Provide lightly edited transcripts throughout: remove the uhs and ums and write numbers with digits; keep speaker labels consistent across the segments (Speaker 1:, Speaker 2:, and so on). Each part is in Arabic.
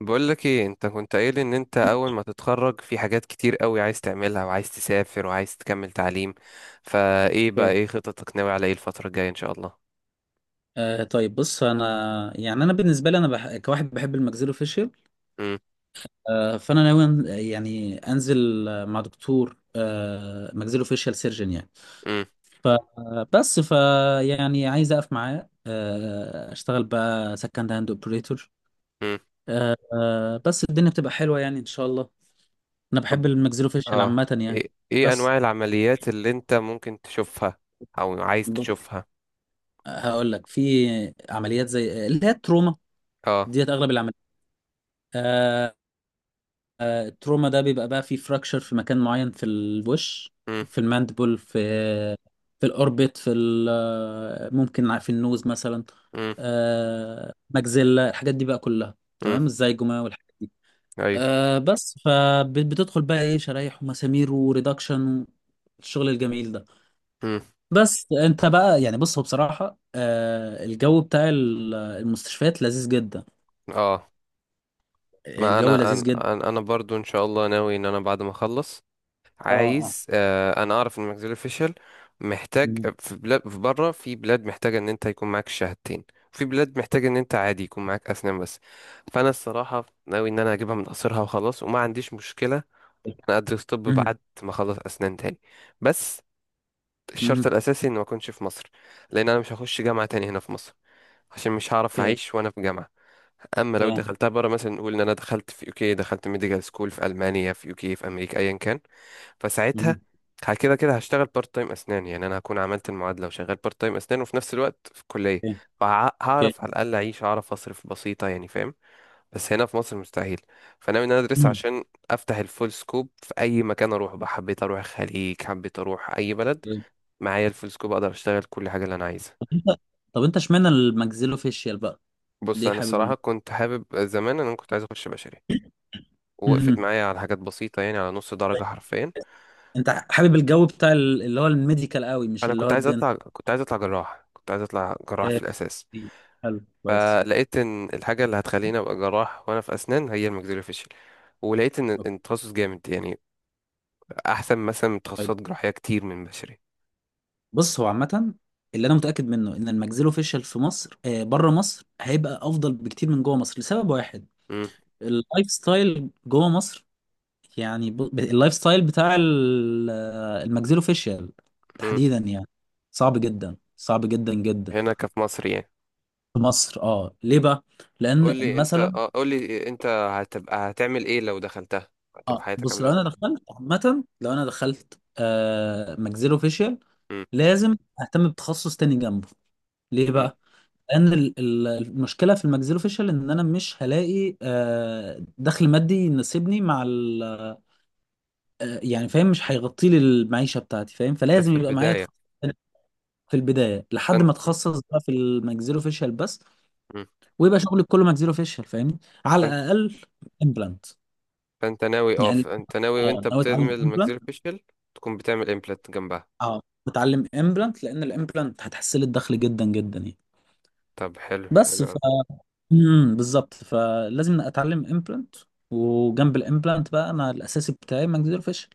Speaker 1: بقول لك ايه انت كنت قايل ان انت اول ما تتخرج في حاجات كتير قوي عايز تعملها، وعايز تسافر، وعايز تكمل تعليم. فايه بقى
Speaker 2: اوكي.
Speaker 1: ايه خططك؟ ناوي على ايه الفترة الجاية ان شاء الله؟
Speaker 2: طيب بص، انا، يعني انا بالنسبه لي، كواحد بحب الماكسيلو فيشل.
Speaker 1: امم،
Speaker 2: فانا ناوي يعني انزل، مع دكتور ماكسيلو فيشل سيرجن يعني.
Speaker 1: امم،
Speaker 2: فبس يعني عايز اقف معاه، اشتغل بقى سكند هاند اوبريتور.
Speaker 1: امم.
Speaker 2: بس الدنيا بتبقى حلوه يعني، ان شاء الله. انا
Speaker 1: طب،
Speaker 2: بحب الماكسيلو فيشل
Speaker 1: اه
Speaker 2: عامه يعني.
Speaker 1: ايه
Speaker 2: بس.
Speaker 1: انواع العمليات اللي انت ممكن تشوفها او عايز
Speaker 2: ب...
Speaker 1: تشوفها؟
Speaker 2: هقول لك، في عمليات زي اللي هي التروما
Speaker 1: اه.
Speaker 2: ديت، اغلب العمليات. التروما ده بيبقى بقى فيه فراكشر في مكان معين في الوش.
Speaker 1: امم،
Speaker 2: في الماندبل، في الاوربت، في ال- آه، ممكن في النوز مثلا.
Speaker 1: امم،
Speaker 2: مجزلة الحاجات دي بقى كلها،
Speaker 1: امم.
Speaker 2: تمام، الزيجوما والحاجات دي.
Speaker 1: ايوه.
Speaker 2: بس فبتدخل بقى ايه، شرايح ومسامير وريدكشن، الشغل الجميل ده.
Speaker 1: امم.
Speaker 2: بس انت بقى يعني، بص، هو بصراحة الجو بتاع المستشفيات لذيذ جدا.
Speaker 1: اه. ما
Speaker 2: الجو
Speaker 1: انا
Speaker 2: لذيذ
Speaker 1: انا
Speaker 2: جدا.
Speaker 1: انا أنا برضو ان شاء الله ناوي ان انا بعد ما اخلص،
Speaker 2: اه، اه.
Speaker 1: عايز انا اعرف ان ماكسفيل اوفيشال محتاج.
Speaker 2: مم.
Speaker 1: في بلاد في بره، في بلاد محتاجه ان انت يكون معاك شهادتين. في بلاد محتاجه ان انت عادي يكون معاك اسنان بس. فانا الصراحه ناوي ان انا اجيبها من قصرها وخلاص، وما عنديش مشكله إن انا ادرس طب
Speaker 2: مم.
Speaker 1: بعد ما اخلص اسنان تاني. بس الشرط
Speaker 2: مم.
Speaker 1: الاساسي ان ما اكونش في مصر، لان انا مش هخش جامعه تاني هنا في مصر، عشان مش هعرف اعيش وانا في جامعه. اما لو
Speaker 2: تمام.
Speaker 1: دخلتها بره، مثلا نقول ان انا دخلت في يوكي، دخلت ميديكال سكول في المانيا، في يوكي، في امريكا، ايا كان.
Speaker 2: مم.
Speaker 1: فساعتها كده كده هشتغل بارت تايم اسنان. يعني انا هكون عملت المعادله وشغال بارت تايم اسنان وفي نفس الوقت في الكليه،
Speaker 2: اوكي. اوكي.
Speaker 1: فهعرف على الاقل اعيش، اعرف اصرف بسيطه يعني، فاهم؟ بس هنا في مصر مستحيل. فانا من إن انا ادرس
Speaker 2: مم.
Speaker 1: عشان افتح الفول سكوب في اي مكان اروح بقى. حبيت اروح الخليج، حبيت اروح اي بلد،
Speaker 2: اوكي.
Speaker 1: معايا الفول سكوب اقدر اشتغل كل حاجه اللي انا عايزها.
Speaker 2: طب انت اشمعنى الماكسيلوفيشيال بقى؟
Speaker 1: بص
Speaker 2: ليه
Speaker 1: انا
Speaker 2: حابب
Speaker 1: الصراحه كنت حابب زمان، انا كنت عايز اخش بشري، ووقفت
Speaker 2: مم.
Speaker 1: معايا على حاجات بسيطه، يعني على نص درجه حرفيا.
Speaker 2: انت حابب الجو بتاع اللي هو الميديكال قوي، مش
Speaker 1: انا
Speaker 2: اللي
Speaker 1: كنت
Speaker 2: هو
Speaker 1: عايز
Speaker 2: الدنت؟
Speaker 1: اطلع كنت عايز اطلع جراح كنت عايز اطلع جراح في الاساس.
Speaker 2: حلو، كويس.
Speaker 1: فلقيت ان الحاجه اللي هتخليني ابقى جراح وانا في اسنان هي الماكسيلوفيشل. ولقيت ان
Speaker 2: أوكي.
Speaker 1: إن التخصص جامد يعني، احسن مثلا من
Speaker 2: طيب
Speaker 1: تخصصات جراحيه كتير من بشري.
Speaker 2: بص، هو عامة اللي انا متأكد منه ان الماكسيلوفيشيال في مصر، بره مصر، هيبقى افضل بكتير من جوه مصر لسبب واحد.
Speaker 1: مم،
Speaker 2: اللايف ستايل جوه مصر. يعني اللايف ستايل بتاع الماكسيلوفيشيال
Speaker 1: مم،
Speaker 2: تحديدا يعني.
Speaker 1: مم.
Speaker 2: صعب جدا، صعب جدا جدا.
Speaker 1: هنا كفي مصر يعني.
Speaker 2: في مصر. اه، ليه بقى؟ لان مثلا،
Speaker 1: قول لي انت هتبقى هتعمل ايه لو دخلتها؟
Speaker 2: اه،
Speaker 1: هتبقى حياتك
Speaker 2: بص،
Speaker 1: عامله
Speaker 2: لو انا
Speaker 1: ازاي؟
Speaker 2: دخلت عامه، لو انا دخلت ماجزيلو فيشيال،
Speaker 1: مم،
Speaker 2: لازم اهتم بتخصص تاني جنبه. ليه
Speaker 1: مم.
Speaker 2: بقى؟ لان المشكله في الماجزيلو فيشيال ان انا مش هلاقي دخل مادي يناسبني مع ال، يعني فاهم، مش هيغطي لي المعيشه بتاعتي، فاهم،
Speaker 1: ده
Speaker 2: فلازم
Speaker 1: في
Speaker 2: يبقى معايا
Speaker 1: البدايه.
Speaker 2: تخصص تاني في البدايه لحد
Speaker 1: فانت
Speaker 2: ما اتخصص بقى في الماجزيلو فيشيال بس. ويبقى شغلي كله ماجزيلو فيشيال، فاهمني، على
Speaker 1: فانت
Speaker 2: الاقل امبلانت.
Speaker 1: فانت ناوي اه
Speaker 2: يعني
Speaker 1: فانت ناوي
Speaker 2: اه،
Speaker 1: وانت
Speaker 2: ناوي
Speaker 1: بتعمل
Speaker 2: اتعلم امبلانت.
Speaker 1: الماكسيلوفيشل تكون بتعمل امبلانت جنبها.
Speaker 2: اه، بتعلم امبلانت لان الامبلانت هتحسن لي الدخل جدا جدا يعني.
Speaker 1: طب حلو،
Speaker 2: بس
Speaker 1: حلو
Speaker 2: ف
Speaker 1: أوي.
Speaker 2: بالظبط، فلازم اتعلم امبلانت. وجنب الامبلانت بقى، انا الاساسي بتاعي ماجنيزيوم الفشل.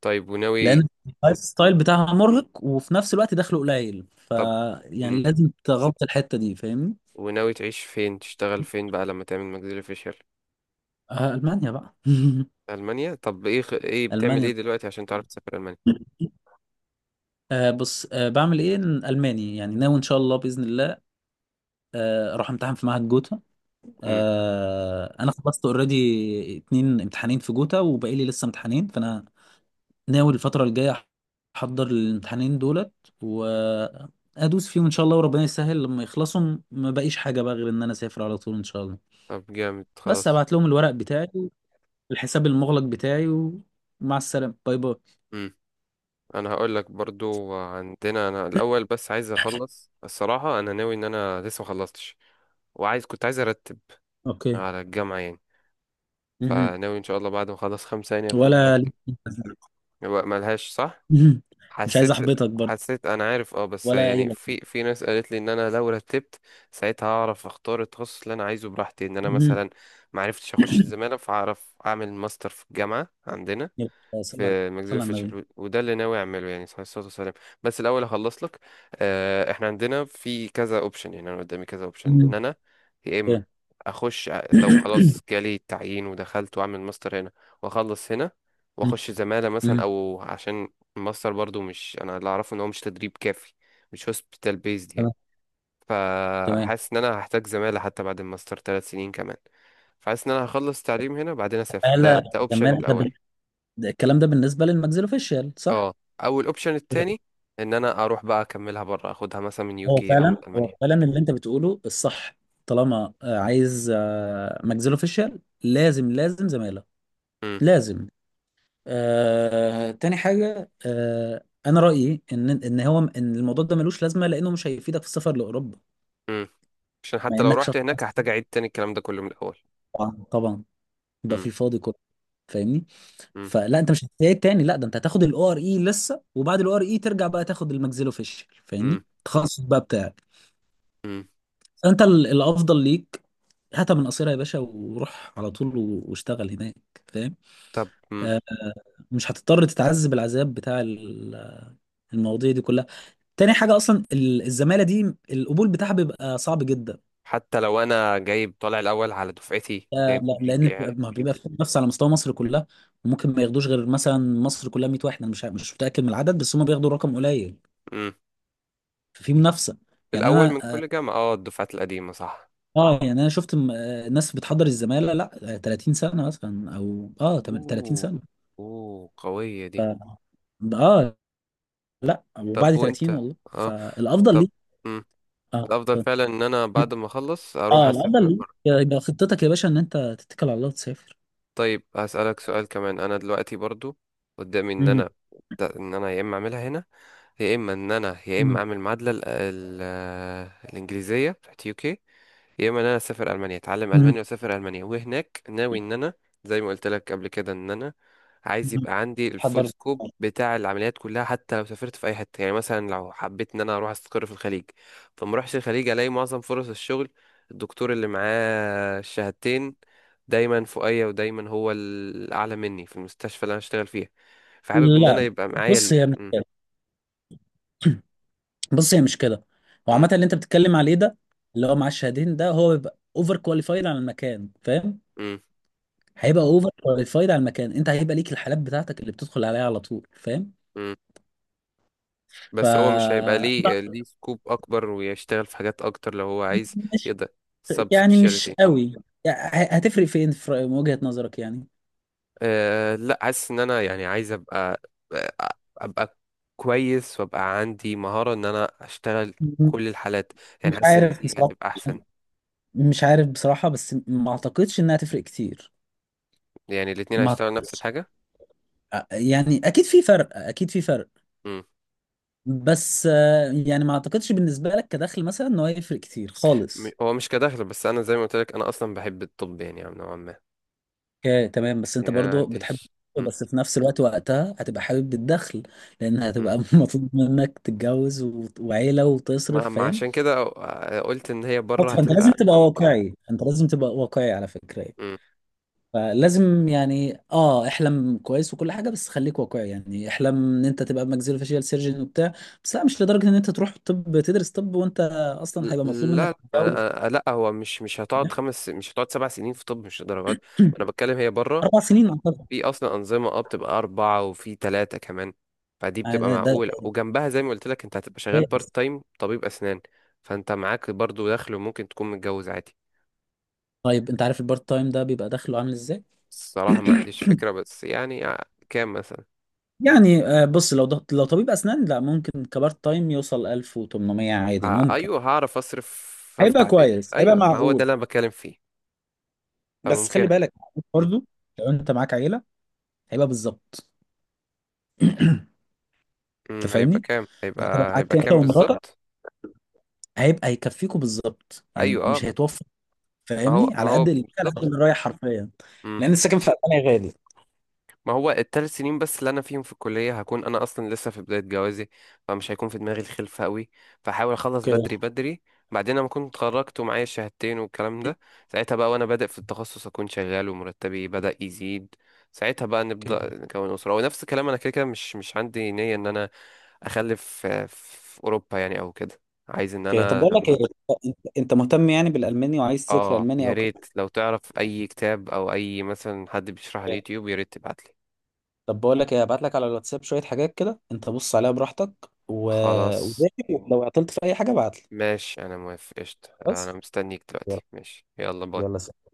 Speaker 1: طيب
Speaker 2: لان
Speaker 1: وناوي.
Speaker 2: اللايف
Speaker 1: مم.
Speaker 2: ستايل بتاعها مرهق، وفي نفس الوقت دخله قليل
Speaker 1: طب، امم.
Speaker 2: يعني لازم تغطي الحته دي، فاهمني.
Speaker 1: وناوي تعيش فين؟ تشتغل فين بقى لما تعمل ماكسيلو فيشيال؟
Speaker 2: المانيا بقى.
Speaker 1: ألمانيا؟ طب ايه بتعمل
Speaker 2: المانيا.
Speaker 1: ايه دلوقتي عشان تعرف تسافر ألمانيا؟
Speaker 2: بص، بعمل ايه إن الماني يعني، ناوي ان شاء الله، باذن الله. اروح امتحن في معهد جوتا.
Speaker 1: امم.
Speaker 2: انا خلصت اوريدي 2 امتحانين في جوتا، وباقي لي لسه امتحانين، فانا ناوي الفتره الجايه احضر الامتحانين دولت. وادوس فيهم ان شاء الله، وربنا يسهل. لما يخلصوا ما بقيش حاجه بقى غير ان انا اسافر على طول، ان شاء الله.
Speaker 1: طب جامد،
Speaker 2: بس
Speaker 1: خلاص.
Speaker 2: هبعت لهم الورق بتاعي، الحساب المغلق بتاعي، ومع السلامه، باي باي.
Speaker 1: امم. انا هقول لك برضو عندنا، انا الاول بس عايز اخلص الصراحة. انا ناوي ان انا لسه ما خلصتش، كنت عايز ارتب
Speaker 2: اوكي.
Speaker 1: على الجامعة يعني.
Speaker 2: مهم.
Speaker 1: فناوي ان شاء الله بعد ما اخلص خمسة يعني اكون
Speaker 2: ولا.
Speaker 1: مرتب. هو ملهاش صح.
Speaker 2: مهم. مش عايز
Speaker 1: حسيت
Speaker 2: احبطك برضه.
Speaker 1: حسيت انا عارف اه، بس
Speaker 2: ولا اي
Speaker 1: يعني
Speaker 2: لك.
Speaker 1: في ناس قالت لي ان انا لو رتبت ساعتها هعرف اختار التخصص اللي انا عايزه براحتي، ان انا
Speaker 2: مهم.
Speaker 1: مثلا ما عرفتش اخش الزماله فهعرف اعمل ماستر في الجامعه عندنا
Speaker 2: يلا، صلى
Speaker 1: في
Speaker 2: صلى
Speaker 1: ماكسفيل
Speaker 2: على النبي.
Speaker 1: فيتشر. وده اللي ناوي اعمله يعني، صلى الله عليه وسلم. بس الاول هخلص لك. احنا عندنا في كذا اوبشن. يعني انا قدامي كذا اوبشن ان
Speaker 2: مهم.
Speaker 1: انا يا اما
Speaker 2: اوكي.
Speaker 1: لو خلاص جالي التعيين ودخلت واعمل ماستر هنا واخلص هنا واخش زمالة مثلا،
Speaker 2: مهم.
Speaker 1: او عشان الماستر برضو مش انا اللي اعرفه ان هو مش تدريب كافي، مش هوسبيتال بيزد يعني،
Speaker 2: سلام. تمام.
Speaker 1: فحاسس ان انا هحتاج زمالة حتى بعد الماستر 3 سنين كمان. فحاسس ان انا هخلص تعليم هنا بعدين اسافر. ده
Speaker 2: زمالة
Speaker 1: ده اوبشن
Speaker 2: زمالة ده
Speaker 1: الاول.
Speaker 2: بال- ده الكلام ده بالنسبة للماكسيلوفيشيال صح؟
Speaker 1: اه. او الاوبشن التاني ان انا اروح بقى اكملها بره، اخدها مثلا من
Speaker 2: هو
Speaker 1: يوكي او من
Speaker 2: فعلا هو
Speaker 1: المانيا.
Speaker 2: فعلا اللي انت بتقوله الصح. طالما عايز ماكسيلوفيشيال، لازم لازم زمالة،
Speaker 1: امم.
Speaker 2: لازم. تاني حاجة، انا رأيي ان الموضوع ده ملوش لازمة، لانه مش هيفيدك في السفر لاوروبا.
Speaker 1: امم. عشان
Speaker 2: بما
Speaker 1: حتى لو
Speaker 2: انك
Speaker 1: رحت هناك
Speaker 2: شخص،
Speaker 1: هحتاج اعيد تاني الكلام ده كله من الاول.
Speaker 2: طبعا طبعا، يبقى في
Speaker 1: امم.
Speaker 2: الفاضي كله، فاهمني؟
Speaker 1: امم.
Speaker 2: فلا، انت مش هتعيد تاني، لا. ده انت هتاخد الاو ار اي لسه، وبعد الاو ار اي ترجع بقى تاخد الماكسيلوفيشل، فاهمني،
Speaker 1: امم.
Speaker 2: التخصص بقى بتاعك.
Speaker 1: امم.
Speaker 2: فانت الافضل ليك هاتها من قصيرة يا باشا، وروح على طول واشتغل هناك، فاهم.
Speaker 1: طب، امم.
Speaker 2: آه، مش هتضطر تتعذب العذاب بتاع المواضيع دي كلها. تاني حاجة، اصلا الزمالة دي، القبول بتاعها بيبقى صعب جدا.
Speaker 1: حتى لو انا جايب طالع الاول على دفعتي، جايب
Speaker 2: لا،
Speaker 1: جي بي
Speaker 2: لان
Speaker 1: يعني.
Speaker 2: ما بيبقى في نفس، على مستوى مصر كلها. وممكن ما ياخدوش غير مثلا مصر كلها 100 واحد، انا مش متاكد من العدد، بس هم بياخدوا رقم قليل.
Speaker 1: امم.
Speaker 2: ففي منافسه، يعني
Speaker 1: الاول
Speaker 2: انا
Speaker 1: من كل جامعه، اه. الدفعات القديمه، صح؟
Speaker 2: يعني انا شفت ناس بتحضر الزماله، لا، 30 سنه مثلا، او 30
Speaker 1: اوه.
Speaker 2: سنه.
Speaker 1: اوه، قويه
Speaker 2: ف
Speaker 1: دي.
Speaker 2: اه لا، وبعد
Speaker 1: طب
Speaker 2: 30،
Speaker 1: وانت.
Speaker 2: والله.
Speaker 1: اه.
Speaker 2: فالافضل
Speaker 1: طب.
Speaker 2: ليك.
Speaker 1: امم.
Speaker 2: اه ف-
Speaker 1: الافضل فعلا ان انا بعد ما اخلص اروح
Speaker 2: اه الافضل
Speaker 1: اسافر.
Speaker 2: ليك يبقى خطتك يا باشا، ان انت تتكل على الله وتسافر.
Speaker 1: طيب هسألك سؤال كمان، انا دلوقتي برضو قدامي ان
Speaker 2: مم.
Speaker 1: انا، ان انا يا اما اعملها هنا يا اما ان انا يا
Speaker 2: مم.
Speaker 1: اما اعمل معادلة الانجليزية بتاعت يو كي، يا اما ان انا اسافر المانيا اتعلم
Speaker 2: مم.
Speaker 1: المانيا واسافر المانيا. وهناك ناوي ان انا زي ما قلت لك قبل كده ان انا عايز
Speaker 2: مم.
Speaker 1: يبقى عندي الفول
Speaker 2: حضر.
Speaker 1: سكوب بتاع العمليات كلها حتى لو سافرت في اي حته. يعني مثلا لو حبيت ان انا اروح استقر في الخليج، فما اروحش الخليج الاقي معظم فرص الشغل، الدكتور اللي معاه الشهادتين دايما فوقيا ودايما هو الاعلى مني في المستشفى اللي انا اشتغل فيها. فحابب ان انا
Speaker 2: لا،
Speaker 1: يبقى معايا
Speaker 2: بص،
Speaker 1: ال...
Speaker 2: هي مش
Speaker 1: م-
Speaker 2: كده. بص، هي مش كده. هو
Speaker 1: م-
Speaker 2: عامه اللي انت بتتكلم عليه ده، اللي هو معاه الشهادتين ده، هو بيبقى اوفر كواليفايد على المكان، فاهم.
Speaker 1: م-
Speaker 2: هيبقى اوفر كواليفايد على المكان. انت هيبقى ليك الحالات بتاعتك اللي بتدخل عليها على طول، فاهم.
Speaker 1: م.
Speaker 2: ف
Speaker 1: بس هو مش هيبقى ليه سكوب اكبر ويشتغل في حاجات اكتر لو هو عايز
Speaker 2: مش
Speaker 1: يقدر؟
Speaker 2: يعني مش
Speaker 1: سبيشاليتي.
Speaker 2: قوي، يعني هتفرق فين، في من وجهة نظرك يعني.
Speaker 1: أه لا، حاسس ان انا يعني عايز ابقى، آه، ابقى كويس وابقى عندي مهارة ان انا اشتغل
Speaker 2: م-
Speaker 1: كل الحالات.
Speaker 2: مش
Speaker 1: يعني حاسس ان
Speaker 2: عارف
Speaker 1: دي
Speaker 2: بصراحة.
Speaker 1: هتبقى احسن.
Speaker 2: مش عارف بصراحة، بس ما اعتقدش انها تفرق كتير.
Speaker 1: يعني الاتنين
Speaker 2: ما
Speaker 1: هيشتغلوا نفس
Speaker 2: اعتقدش،
Speaker 1: الحاجة؟
Speaker 2: يعني اكيد في فرق، اكيد في فرق.
Speaker 1: مم.
Speaker 2: بس يعني ما اعتقدش بالنسبة لك كدخل مثلا انه هيفرق كتير خالص.
Speaker 1: هو مش كدخل، بس انا زي ما قلت لك انا اصلا بحب الطب يعني نوعا ما.
Speaker 2: اوكي، تمام. بس انت
Speaker 1: يعني انا
Speaker 2: برضو
Speaker 1: عندي
Speaker 2: بتحب.
Speaker 1: مم.
Speaker 2: بس في نفس الوقت، وقتها هتبقى حابب الدخل، لان
Speaker 1: مم.
Speaker 2: هتبقى مطلوب منك تتجوز وعيلة
Speaker 1: ما
Speaker 2: وتصرف،
Speaker 1: ما
Speaker 2: فاهم.
Speaker 1: عشان كده قلت ان هي بره
Speaker 2: فانت لازم
Speaker 1: هتبقى
Speaker 2: تبقى
Speaker 1: ممكنة.
Speaker 2: واقعي، انت لازم تبقى واقعي على فكرة يعني. فلازم يعني احلم كويس وكل حاجة، بس خليك واقعي يعني، احلم ان انت تبقى ماكسيلو فاشيال سيرجن وبتاع. بس لا، مش لدرجة ان انت تروح طب، تدرس طب وانت اصلا هيبقى مطلوب منك
Speaker 1: لا،
Speaker 2: تتجوز.
Speaker 1: لا، لا، هو مش هتقعد 7 سنين في طب، مش درجات. انا بتكلم هي بره،
Speaker 2: 4 سنين اعتقد.
Speaker 1: في اصلا انظمه بتبقى اربعه وفي ثلاثه كمان. فدي
Speaker 2: آه،
Speaker 1: بتبقى
Speaker 2: ده
Speaker 1: معقوله،
Speaker 2: ده
Speaker 1: وجنبها زي ما قلت لك انت هتبقى شغال
Speaker 2: ده-
Speaker 1: بارت تايم طبيب اسنان، فانت معاك برضو دخل وممكن تكون متجوز عادي.
Speaker 2: طيب انت عارف البارت تايم ده بيبقى دخله عامل ازاي؟
Speaker 1: الصراحه ما عنديش فكره، بس يعني كام مثلا؟
Speaker 2: يعني بص، لو طبيب اسنان، لا ممكن كبارت تايم يوصل 1800 عادي،
Speaker 1: آه
Speaker 2: ممكن.
Speaker 1: ايوه، هعرف اصرف،
Speaker 2: هيبقى
Speaker 1: افتح بيت،
Speaker 2: كويس، هيبقى
Speaker 1: ايوه. ما هو ده
Speaker 2: معقول.
Speaker 1: اللي انا بتكلم فيه.
Speaker 2: بس خلي
Speaker 1: فممكن.
Speaker 2: بالك
Speaker 1: م-
Speaker 2: برضو، لو انت معاك عيله هيبقى بالظبط.
Speaker 1: م،
Speaker 2: انت فاهمني،
Speaker 1: هيبقى كام
Speaker 2: يعني انت لو
Speaker 1: هيبقى
Speaker 2: معاك
Speaker 1: هيبقى
Speaker 2: انت
Speaker 1: كام
Speaker 2: ومراتك،
Speaker 1: بالظبط؟
Speaker 2: هيكفيكوا بالظبط، يعني
Speaker 1: ايوه،
Speaker 2: مش
Speaker 1: اه.
Speaker 2: هيتوفر.
Speaker 1: ما هو
Speaker 2: فاهمني،
Speaker 1: ما
Speaker 2: على قد
Speaker 1: هو
Speaker 2: اللي على قد
Speaker 1: بالظبط.
Speaker 2: اللي رايح حرفيا.
Speaker 1: مم.
Speaker 2: لان السكن في المانيا غالي.
Speaker 1: ما هو ال 3 سنين بس اللي انا فيهم في الكليه هكون انا اصلا لسه في بدايه جوازي، فمش هيكون في دماغي الخلفه قوي، فحاول اخلص
Speaker 2: اوكي،
Speaker 1: بدري بدري. بعدين لما كنت اتخرجت ومعايا الشهادتين والكلام ده، ساعتها بقى وانا بادئ في التخصص اكون شغال ومرتبي بدا يزيد، ساعتها بقى نبدا
Speaker 2: اوكي،
Speaker 1: نكون اسره. ونفس الكلام، انا كده كده مش عندي نيه ان انا اخلف في اوروبا يعني او كده. عايز ان
Speaker 2: اوكي. طب
Speaker 1: انا
Speaker 2: بقول لك
Speaker 1: لما.
Speaker 2: ايه، انت مهتم يعني بالالماني وعايز تذاكر
Speaker 1: اه
Speaker 2: الماني
Speaker 1: يا
Speaker 2: او
Speaker 1: ريت
Speaker 2: كده؟
Speaker 1: لو تعرف اي كتاب او اي مثلا حد بيشرح على اليوتيوب، يا ريت تبعتلي.
Speaker 2: طب بقول لك ايه، هبعت لك على الواتساب شويه حاجات كده، انت بص عليها براحتك، و...
Speaker 1: خلاص،
Speaker 2: وذاكر. لو عطلت في اي حاجه ابعت لي.
Speaker 1: ماشي، انا موافق، قشطة، انا
Speaker 2: بس.
Speaker 1: مستنيك
Speaker 2: يلا،
Speaker 1: دلوقتي، ماشي، يلا
Speaker 2: يلا،
Speaker 1: باي.
Speaker 2: سلام.